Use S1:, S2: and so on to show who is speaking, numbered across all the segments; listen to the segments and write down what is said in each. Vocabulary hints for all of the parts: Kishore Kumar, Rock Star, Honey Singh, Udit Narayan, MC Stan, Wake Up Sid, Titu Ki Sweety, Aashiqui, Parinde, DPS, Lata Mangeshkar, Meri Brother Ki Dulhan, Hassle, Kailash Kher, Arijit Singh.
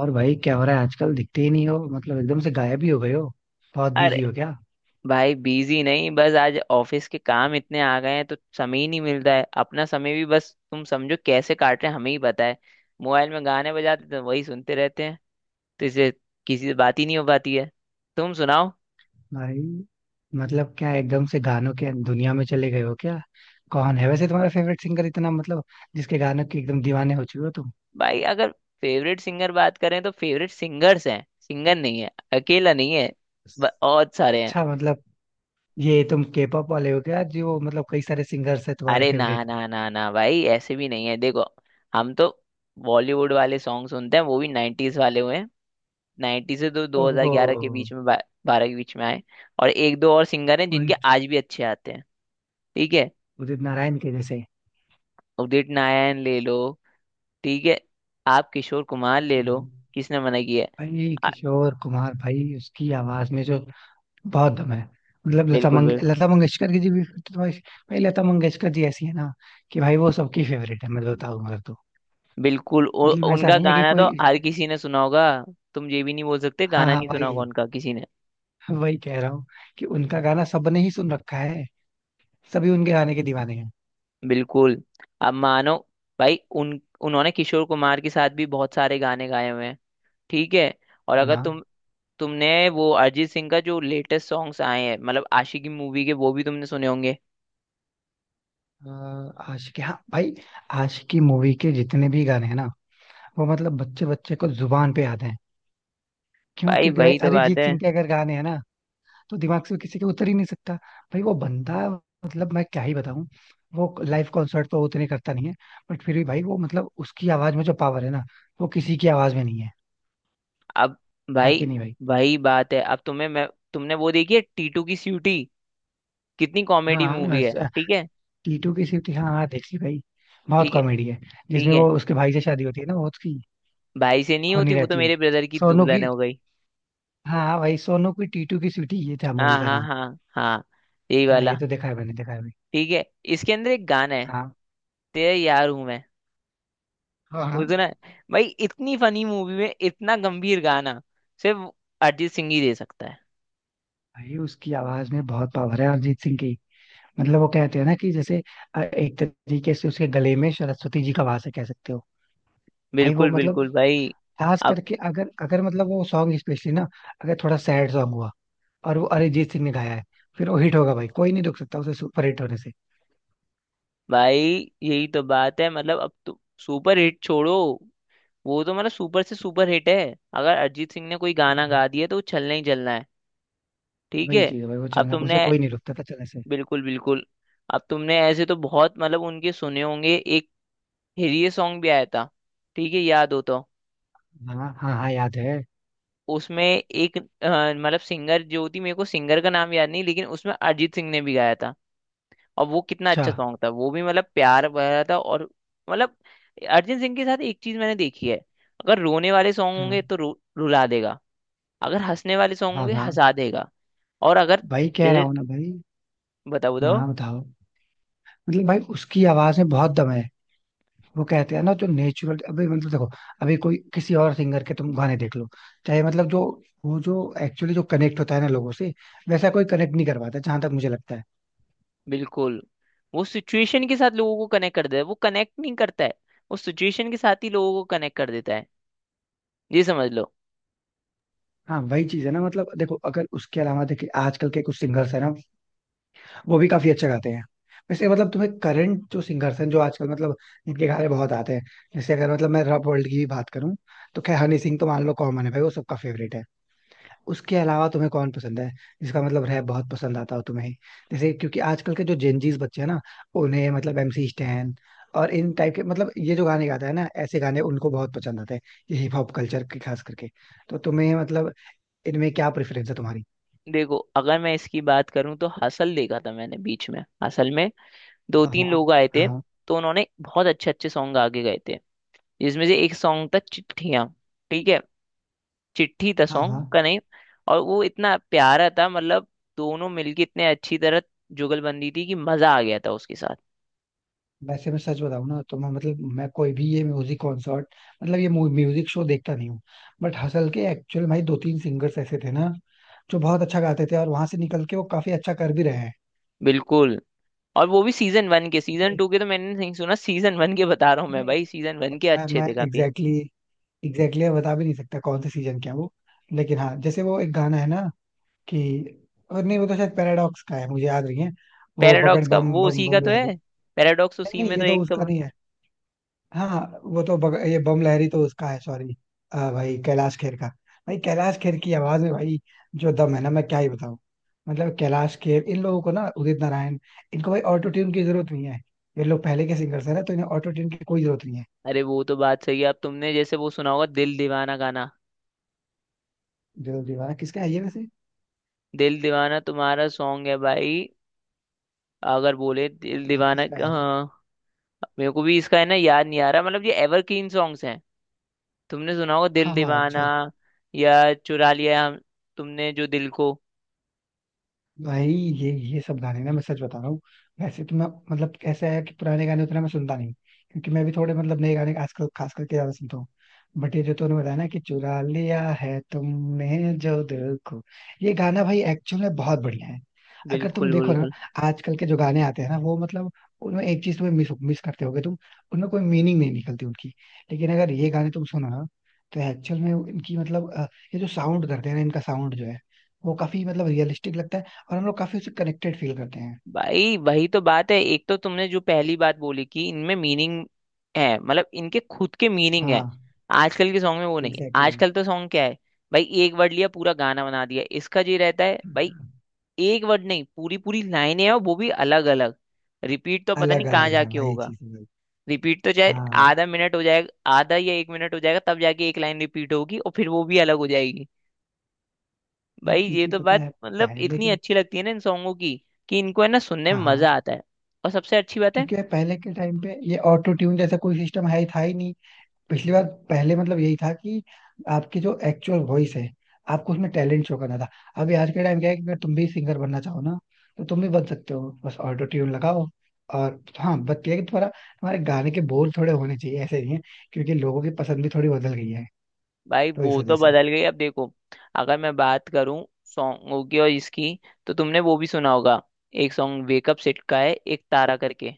S1: और भाई क्या हो रहा है आजकल? दिखते ही नहीं हो, मतलब एकदम से गायब ही हो गए हो। बहुत
S2: अरे
S1: बिजी हो क्या?
S2: भाई बिजी नहीं। बस आज ऑफिस के काम इतने आ गए हैं तो समय ही नहीं मिल रहा है। अपना समय भी बस तुम समझो कैसे काट रहे हैं, हमें ही पता है। मोबाइल में गाने बजाते तो वही सुनते रहते हैं, तो इससे किसी से बात ही नहीं हो पाती है। तुम सुनाओ।
S1: भाई मतलब क्या एकदम से गानों के दुनिया में चले गए हो क्या? कौन है वैसे तुम्हारा फेवरेट सिंगर इतना, मतलब जिसके गानों के एकदम दीवाने हो चुके हो तुम?
S2: भाई अगर फेवरेट सिंगर बात करें तो फेवरेट सिंगर्स हैं, सिंगर नहीं है, अकेला नहीं है। बहुत सारे हैं।
S1: अच्छा, मतलब ये तुम के पॉप वाले हो क्या, जो मतलब कई सारे सिंगर्स है तुम्हारे
S2: अरे ना
S1: फेवरेट?
S2: ना ना ना भाई, ऐसे भी नहीं है। देखो हम तो बॉलीवुड वाले सॉन्ग सुनते हैं, वो भी नाइन्टीज वाले हुए हैं। नाइन्टी से तो
S1: ओहो।
S2: 2011 के बीच में, बारह के बीच में आए। और एक दो और सिंगर हैं जिनके
S1: उदित
S2: आज भी अच्छे आते हैं। ठीक है।
S1: उदित नारायण के जैसे।
S2: उदित नारायण ले लो। ठीक है। आप किशोर कुमार ले लो।
S1: हम्म।
S2: किसने मना किया है?
S1: भाई
S2: आ,
S1: किशोर कुमार, भाई उसकी आवाज में जो बहुत दम है। मतलब लता
S2: बिल्कुल
S1: मंग
S2: बिल्कुल।
S1: लता मंगेशकर की जी भी, फिर तो भाई। भाई लता मंगेशकर जी ऐसी है ना, कि भाई वो सबकी फेवरेट है, मैं तो बताऊं अगर तो।
S2: बिल्कुल
S1: मतलब ऐसा
S2: उनका
S1: नहीं है कि
S2: गाना तो
S1: कोई।
S2: हर किसी ने सुना होगा। तुम ये भी नहीं बोल सकते
S1: हाँ
S2: गाना
S1: हाँ
S2: नहीं सुना होगा
S1: भाई,
S2: उनका किसी ने।
S1: वही कह रहा हूँ कि उनका गाना सबने ही सुन रखा है। सभी उनके गाने के दीवाने हैं।
S2: बिल्कुल। अब मानो भाई उन उन्होंने किशोर कुमार के साथ भी बहुत सारे गाने गाए हुए हैं। ठीक है। और
S1: हाँ
S2: अगर
S1: हाँ।
S2: तुमने वो अरिजीत सिंह का जो लेटेस्ट सॉन्ग्स आए हैं मतलब आशिकी मूवी के, वो भी तुमने सुने होंगे।
S1: आशिकी, हाँ भाई। आशिकी मूवी के जितने भी गाने हैं ना, वो मतलब बच्चे बच्चे को जुबान पे याद हैं। क्यों?
S2: भाई
S1: क्योंकि भाई
S2: वही तो बात
S1: अरिजीत
S2: है।
S1: सिंह के अगर गाने हैं ना, तो दिमाग से किसी के उतर ही नहीं सकता। भाई वो बंदा, मतलब मैं क्या ही बताऊं। वो लाइव कॉन्सर्ट तो उतने करता नहीं है, बट फिर भी भाई वो मतलब उसकी आवाज में जो पावर है ना, वो किसी की आवाज में नहीं है।
S2: अब
S1: है
S2: भाई
S1: कि नहीं भाई?
S2: वही बात है। अब तुम्हें मैं तुमने वो देखी है टीटू की सीटी? कितनी कॉमेडी
S1: हाँ
S2: मूवी है,
S1: बस,
S2: ठीक है।
S1: टीटू की सिटी, हाँ हाँ देख ली भाई। बहुत
S2: ठीक है।
S1: कॉमेडी है।
S2: ठीक
S1: जिसमें
S2: है।
S1: वो उसके भाई से शादी होती है ना, वो उसकी
S2: भाई से नहीं
S1: होनी
S2: होती, वो तो
S1: रहती है,
S2: मेरे ब्रदर की
S1: सोनू
S2: दुल्हन
S1: की।
S2: हो गई।
S1: हाँ हाँ भाई, सोनू की टीटू की सिटी, ये था मूवी
S2: हाँ
S1: का
S2: हाँ
S1: नाम।
S2: हाँ हाँ, यही
S1: हाँ, ये
S2: वाला।
S1: तो देखा है, मैंने देखा है भाई।
S2: ठीक है। इसके अंदर एक गाना है
S1: हाँ
S2: तेरे यार हूं मैं।
S1: हाँ। हाँ
S2: वो सुना है? भाई इतनी फनी मूवी में इतना गंभीर गाना सिर्फ अरिजीत सिंह ही दे सकता है।
S1: भाई उसकी आवाज में बहुत पावर है, अरिजीत सिंह की। मतलब वो कहते हैं ना कि जैसे एक तरीके से उसके गले में सरस्वती जी का वास है, कह सकते हो। भाई वो
S2: बिल्कुल
S1: मतलब
S2: बिल्कुल भाई।
S1: खास
S2: अब
S1: करके अगर अगर मतलब वो सॉन्ग स्पेशली ना, अगर थोड़ा सैड सॉन्ग हुआ, और वो अरिजीत सिंह ने गाया है, फिर वो हिट होगा भाई, कोई नहीं रोक सकता उसे सुपर हिट होने से।
S2: भाई यही तो बात है मतलब। अब तो सुपर हिट छोड़ो, वो तो मतलब सुपर से सुपर हिट है। अगर अरिजीत सिंह ने कोई गाना
S1: हम्म।
S2: गा दिया तो वो चलना ही चलना है। ठीक
S1: वही
S2: है।
S1: चीज है भाई, वो
S2: अब
S1: चलना, उसे
S2: तुमने
S1: कोई नहीं रोकता था चलने से।
S2: बिल्कुल बिल्कुल। अब तुमने ऐसे तो बहुत मतलब उनके सुने होंगे। एक हिरिये सॉन्ग भी आया था, ठीक है, याद हो तो।
S1: हाँ हाँ हाँ याद है।
S2: उसमें एक मतलब सिंगर जो थी, मेरे को सिंगर का नाम याद नहीं, लेकिन उसमें अरिजीत सिंह ने भी गाया था। और वो कितना
S1: अच्छा।
S2: अच्छा सॉन्ग था, वो भी मतलब प्यार भरा था। और मतलब अरिजीत सिंह के साथ एक चीज मैंने देखी है। अगर रोने वाले सॉन्ग होंगे
S1: हाँ
S2: तो रुला देगा। अगर हंसने वाले सॉन्ग
S1: हाँ।
S2: होंगे
S1: हाँ
S2: हंसा देगा। और अगर
S1: भाई कह रहा
S2: जैसे
S1: हूँ ना भाई।
S2: बताओ बताओ।
S1: हाँ बताओ। मतलब भाई उसकी आवाज में बहुत दम है। वो कहते हैं ना जो नेचुरल, अभी मतलब देखो, अभी कोई किसी और सिंगर के तुम गाने देख लो, चाहे मतलब जो, वो जो एक्चुअली जो कनेक्ट होता है ना लोगों से, वैसा कोई कनेक्ट नहीं कर पाता, जहां तक मुझे लगता है।
S2: बिल्कुल। वो सिचुएशन के साथ लोगों को कनेक्ट कर देता है, वो कनेक्ट नहीं करता है, वो सिचुएशन के साथ ही लोगों को कनेक्ट कर देता है, ये समझ लो।
S1: हाँ वही चीज है ना। मतलब देखो, अगर उसके अलावा देखिए आजकल के कुछ सिंगर्स है ना, वो भी काफी अच्छा गाते हैं। वैसे मतलब तुम्हें करंट जो सिंगर्स हैं, जो आजकल मतलब इनके गाने बहुत आते हैं। जैसे अगर मतलब मैं रॉप वर्ल्ड की भी बात करूं, तो खैर हनी सिंह तो मान लो कॉमन है भाई, वो सबका फेवरेट है। उसके अलावा तुम्हें कौन पसंद है, जिसका मतलब रैप बहुत पसंद आता हो तुम्हें? जैसे क्योंकि आजकल के जो जेनजीज बच्चे हैं ना, उन्हें मतलब एमसी स्टैन और इन टाइप के, मतलब ये जो गाने गाता है ना, ऐसे गाने उनको बहुत पसंद आते हैं, ये हिप हॉप कल्चर के खास करके। तो तुम्हें मतलब इनमें क्या प्रेफरेंस है तुम्हारी?
S2: देखो अगर मैं इसकी बात करूं तो हसल देखा था मैंने। बीच में हसल में दो
S1: हाँ
S2: तीन
S1: हाँ
S2: लोग आए थे।
S1: हाँ
S2: तो उन्होंने बहुत अच्छे अच्छे सॉन्ग आगे गए थे, जिसमें से एक सॉन्ग था चिट्ठियां। ठीक है, चिट्ठी था
S1: हाँ। हाँ।
S2: सॉन्ग का नेम। और वो इतना प्यारा था, मतलब दोनों मिलके इतने अच्छी तरह जुगलबंदी थी कि मजा आ गया था उसके साथ।
S1: वैसे मैं सच बताऊं ना, तो मैं मतलब मैं कोई भी ये म्यूजिक कॉन्सर्ट, मतलब ये म्यूजिक शो देखता नहीं हूँ। बट हसल के एक्चुअल भाई दो तीन सिंगर्स ऐसे थे ना, जो बहुत अच्छा गाते थे, और वहां से निकल के वो काफी अच्छा कर भी रहे हैं।
S2: बिल्कुल। और वो भी सीजन वन के, सीजन
S1: से
S2: टू के तो मैंने नहीं सुना, सीजन वन के बता रहा हूँ मैं
S1: नहीं।
S2: भाई, सीजन वन
S1: अब
S2: के
S1: मैं
S2: अच्छे
S1: मैं
S2: थे काफी।
S1: एग्जैक्टली बता भी नहीं सकता कौन से सीजन का है वो। लेकिन हाँ, जैसे वो एक गाना है ना, कि, और नहीं, वो तो शायद पैराडॉक्स का है, मुझे याद नहीं है। वो पकड़,
S2: पैराडॉक्स का
S1: बम
S2: वो
S1: बम
S2: उसी का
S1: बम
S2: तो
S1: लहरी।
S2: है। पैराडॉक्स
S1: नहीं
S2: उसी
S1: नहीं,
S2: में तो
S1: ये तो
S2: एक
S1: उसका नहीं है। हाँ वो तो ये बम लहरी तो उसका है, सॉरी। भाई कैलाश खेर का। भाई कैलाश खेर की आवाज में भाई जो दम है ना, मैं क्या ही बताऊं। मतलब कैलाश खेर, इन लोगों को ना, उदित नारायण, इनको भाई ऑटो ट्यून की जरूरत नहीं है। ये लोग पहले के सिंगर्स हैं ना, तो इन्हें ऑटो ट्यून की कोई जरूरत नहीं है।
S2: अरे वो तो बात सही है। अब तुमने जैसे वो सुना होगा दिल दीवाना गाना।
S1: दिल दीवाना किसका है ये वैसे?
S2: दिल दीवाना तुम्हारा सॉन्ग है भाई। अगर बोले दिल
S1: हाँ
S2: दीवाना,
S1: किसका है?
S2: हाँ। मेरे को भी इसका है ना, याद नहीं आ रहा। मतलब ये एवरग्रीन सॉन्ग्स हैं। तुमने सुना होगा दिल
S1: हाँ हाँ
S2: दीवाना,
S1: अच्छा।
S2: या चुरा लिया हम तुमने जो दिल को।
S1: भाई ये सब गाने ना, मैं सच बता रहा हूँ। वैसे तो मैं मतलब ऐसा है कि पुराने गाने उतना मैं सुनता नहीं, क्योंकि मैं भी थोड़े मतलब नए गाने आजकल खास करके ज्यादा सुनता हूँ। बट ये जो तूने बताया ना, कि चुरा लिया है तुमने जो दिल को, ये गाना भाई एक्चुअल में बहुत बढ़िया है। अगर तुम
S2: बिल्कुल
S1: देखो ना,
S2: बिल्कुल
S1: आजकल के जो गाने आते हैं ना वो मतलब, उनमें एक चीज तुम्हें मिस मिस करते होगे तुम, उनमें कोई मीनिंग नहीं निकलती उनकी। लेकिन अगर ये गाने तुम सुनो ना, तो एक्चुअल में इनकी मतलब ये जो साउंड करते हैं ना, इनका साउंड जो है, वो काफी मतलब रियलिस्टिक लगता है, और हम लोग काफी उससे कनेक्टेड फील करते हैं।
S2: भाई। वही तो बात है। एक तो तुमने जो पहली बात बोली कि इनमें मीनिंग है, मतलब इनके खुद के मीनिंग है।
S1: हाँ।
S2: आजकल के सॉन्ग में वो नहीं।
S1: एग्जैक्टली
S2: आजकल तो सॉन्ग क्या है, भाई एक वर्ड लिया पूरा गाना बना दिया, इसका ये रहता है भाई।
S1: exactly.
S2: एक वर्ड नहीं पूरी पूरी लाइनें हैं और वो भी अलग अलग। रिपीट तो पता
S1: अलग
S2: नहीं कहाँ
S1: अलग है
S2: जाके
S1: भाई
S2: होगा।
S1: चीजें भाई।
S2: रिपीट तो चाहे
S1: हाँ
S2: आधा मिनट हो जाएगा, आधा या एक मिनट हो जाएगा, तब जाके एक लाइन रिपीट होगी और फिर वो भी अलग हो जाएगी।
S1: भाई,
S2: भाई ये
S1: क्योंकि
S2: तो
S1: पता
S2: बात
S1: है
S2: मतलब
S1: पहले
S2: इतनी
S1: के।
S2: अच्छी लगती है ना इन सॉन्गों की, कि इनको है ना सुनने
S1: हाँ
S2: में
S1: हाँ।
S2: मजा आता है। और सबसे अच्छी बात है।
S1: क्योंकि यार पहले के टाइम पे ये ऑटो ट्यून जैसा कोई सिस्टम है ही था ही नहीं। पिछली बार, पहले मतलब यही था कि आपकी जो एक्चुअल वॉइस है, आपको उसमें टैलेंट शो करना था। अभी आज के टाइम क्या है, कि अगर तुम भी सिंगर बनना चाहो ना, तो तुम भी बन सकते हो, बस ऑटो ट्यून लगाओ। और हाँ, बट ये है कि थोड़ा हमारे गाने के बोल थोड़े होने चाहिए, ऐसे नहीं है, क्योंकि लोगों की पसंद भी थोड़ी बदल गई है।
S2: भाई
S1: तो इस
S2: वो
S1: वजह
S2: तो
S1: से।
S2: बदल गई। अब देखो अगर मैं बात करूं सॉन्गों की और इसकी, तो तुमने वो भी सुना होगा एक सॉन्ग वेकअप सिड का है एक तारा करके।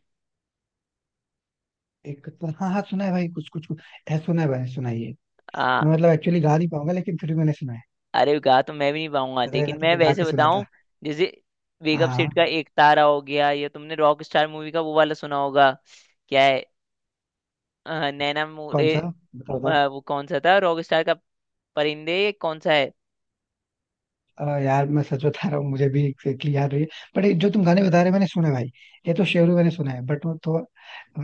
S1: एक तो हाँ हाँ, सुना है भाई, कुछ कुछ कुछ ऐसा सुना है भाई, सुनाइए।
S2: हाँ।
S1: मैं मतलब एक्चुअली गा नहीं पाऊंगा, लेकिन फिर भी मैंने सुना है।
S2: अरे गा तो मैं भी नहीं पाऊंगा,
S1: अगर है ना,
S2: लेकिन
S1: तो
S2: मैं
S1: मैं गा
S2: वैसे
S1: के सुनाता।
S2: बताऊं जैसे
S1: हाँ
S2: वेकअप सेट का
S1: हाँ।
S2: एक तारा हो गया, या तुमने रॉक स्टार मूवी का वो वाला सुना होगा। क्या है, नैना
S1: कौन
S2: मोरे?
S1: सा? बताओ बताओ।
S2: वो कौन सा था रॉक स्टार का, परिंदे कौन सा है?
S1: यार मैं सच बता रहा हूँ, मुझे भी एग्जैक्टली याद रही है। बट जो तुम गाने बता रहे हो मैंने सुना है भाई, ये तो शेरू मैंने सुना है, बट वो थोड़ा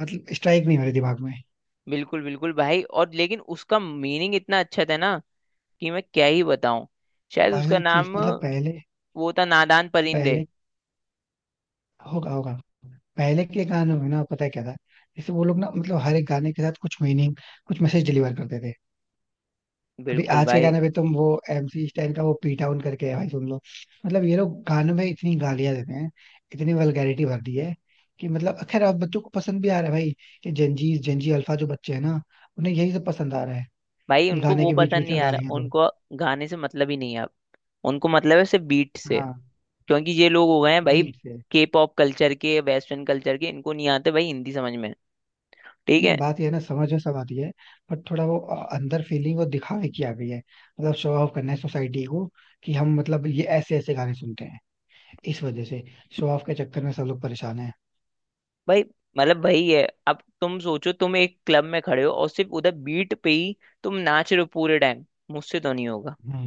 S1: मतलब स्ट्राइक नहीं हो रही दिमाग में।
S2: बिल्कुल बिल्कुल भाई। और लेकिन उसका मीनिंग इतना अच्छा था ना कि मैं क्या ही बताऊं। शायद उसका
S1: वही चीज,
S2: नाम
S1: मतलब पहले,
S2: वो था नादान परिंदे।
S1: पहले होगा होगा, पहले के गानों में ना पता है क्या था, जैसे वो लोग ना मतलब हर एक गाने के साथ कुछ मीनिंग, कुछ मैसेज डिलीवर करते थे। अभी
S2: बिल्कुल
S1: आज के
S2: भाई।
S1: गाने पे तुम वो एमसी स्टैन का वो पी टाउन करके है भाई, सुन लो। मतलब ये लोग गानों में इतनी गालियां देते हैं, इतनी वल्गैरिटी भर दी है, कि मतलब खैर अब बच्चों को पसंद भी आ रहा है भाई। ये जेंजी जेंजी अल्फा जो बच्चे हैं ना, उन्हें यही सब पसंद आ रहा है,
S2: भाई
S1: कि
S2: उनको
S1: गाने
S2: वो
S1: के बीच
S2: पसंद
S1: बीच
S2: नहीं
S1: में
S2: आ रहा।
S1: गालियां दो।
S2: उनको गाने से मतलब ही नहीं है अब। उनको मतलब है सिर्फ बीट से।
S1: हाँ।
S2: क्योंकि ये लोग हो गए हैं भाई
S1: बीट से।
S2: के पॉप कल्चर के, वेस्टर्न कल्चर के, इनको नहीं आते भाई हिंदी समझ में। ठीक
S1: नहीं,
S2: है।
S1: बात ये है ना, समझ में सब आती है, पर थोड़ा वो अंदर फीलिंग वो दिखावे की आ गई है, मतलब शो ऑफ करना है सोसाइटी को, कि हम मतलब ये ऐसे ऐसे गाने सुनते हैं। इस वजह से शो ऑफ के चक्कर में सब लोग परेशान।
S2: भाई मतलब वही है। अब तुम सोचो तुम एक क्लब में खड़े हो और सिर्फ उधर बीट पे ही तुम नाच रहे हो पूरे टाइम, मुझसे तो नहीं होगा।
S1: है।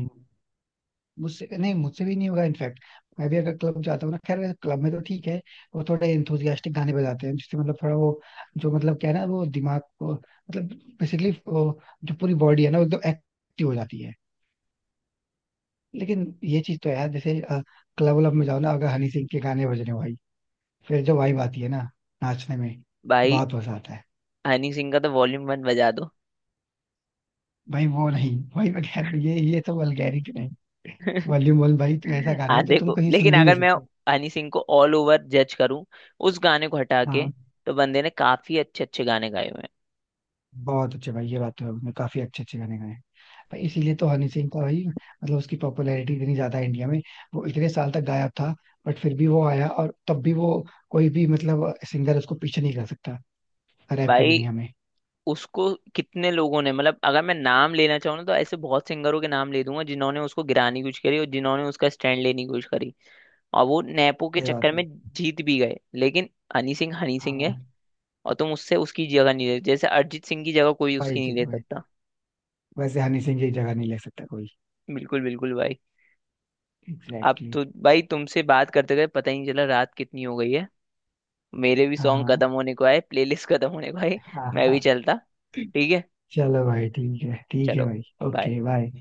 S1: मुझसे नहीं, मुझसे भी नहीं होगा इनफैक्ट। मैं भी अगर क्लब जाता हूँ ना, खैर क्लब में तो ठीक है, वो थोड़े इंथुजियास्टिक गाने बजाते हैं, जिससे मतलब थोड़ा वो जो मतलब क्या है ना, वो दिमाग को मतलब बेसिकली जो पूरी बॉडी है ना, वो एकदम एक्टिव हो जाती है। लेकिन ये चीज तो है यार, जैसे क्लब व्लब में जाओ ना, अगर हनी सिंह के गाने बज रहे हो भाई, फिर जो वाइब आती है ना नाचने में,
S2: भाई
S1: बहुत मजा आता है।
S2: हनी सिंह का तो वॉल्यूम वन बजा दो।
S1: भाई वो नहीं भाई, मैं कह रहा हूँ, ये तो वल्गैरिटी नहीं। वॉल्यूम 1 भाई तो ऐसा गाना
S2: हाँ
S1: है, जो तुम
S2: देखो,
S1: कहीं
S2: लेकिन
S1: सुन भी नहीं
S2: अगर मैं
S1: सकते।
S2: हनी सिंह को ऑल ओवर जज करूं उस गाने को हटा के,
S1: हाँ।
S2: तो बंदे ने काफी अच्छे अच्छे गाने गाए हुए हैं।
S1: बहुत अच्छे भाई, ये बात तो है, उसने काफी अच्छे अच्छे गाने गाए हैं। भाई इसीलिए तो हनी सिंह का भाई, मतलब उसकी पॉपुलैरिटी इतनी ज्यादा है इंडिया में। वो इतने साल तक गायब था, बट फिर भी वो आया, और तब भी वो, कोई भी मतलब सिंगर उसको पीछे नहीं कर सकता रैप की
S2: भाई
S1: दुनिया में।
S2: उसको कितने लोगों ने मतलब, अगर मैं नाम लेना चाहूँ ना तो ऐसे बहुत सिंगरों के नाम ले दूंगा जिन्होंने उसको गिराने की कोशिश करी और जिन्होंने उसका स्टैंड लेने की कोशिश करी। और वो नेपो के
S1: सही बात
S2: चक्कर
S1: है।
S2: में जीत भी गए, लेकिन हनी सिंह है।
S1: हाँ।
S2: और तुम उससे उसकी जगह नहीं ले, जैसे अरिजीत सिंह की जगह कोई उसकी
S1: भाई
S2: नहीं
S1: जी
S2: ले
S1: भाई,
S2: सकता।
S1: वैसे हनी सिंह की जगह नहीं ले सकता कोई।
S2: बिल्कुल बिल्कुल भाई। अब
S1: एग्जैक्टली
S2: तो
S1: exactly.
S2: भाई तुमसे बात करते गए पता ही नहीं चला रात कितनी हो गई है। मेरे भी
S1: हाँ
S2: सॉन्ग
S1: हाँ
S2: खत्म होने को आए, प्लेलिस्ट खत्म होने को आए।
S1: हाँ
S2: मैं भी
S1: हाँ।
S2: चलता, ठीक है।
S1: चलो भाई, ठीक है
S2: चलो
S1: भाई।
S2: bye।
S1: Okay bye.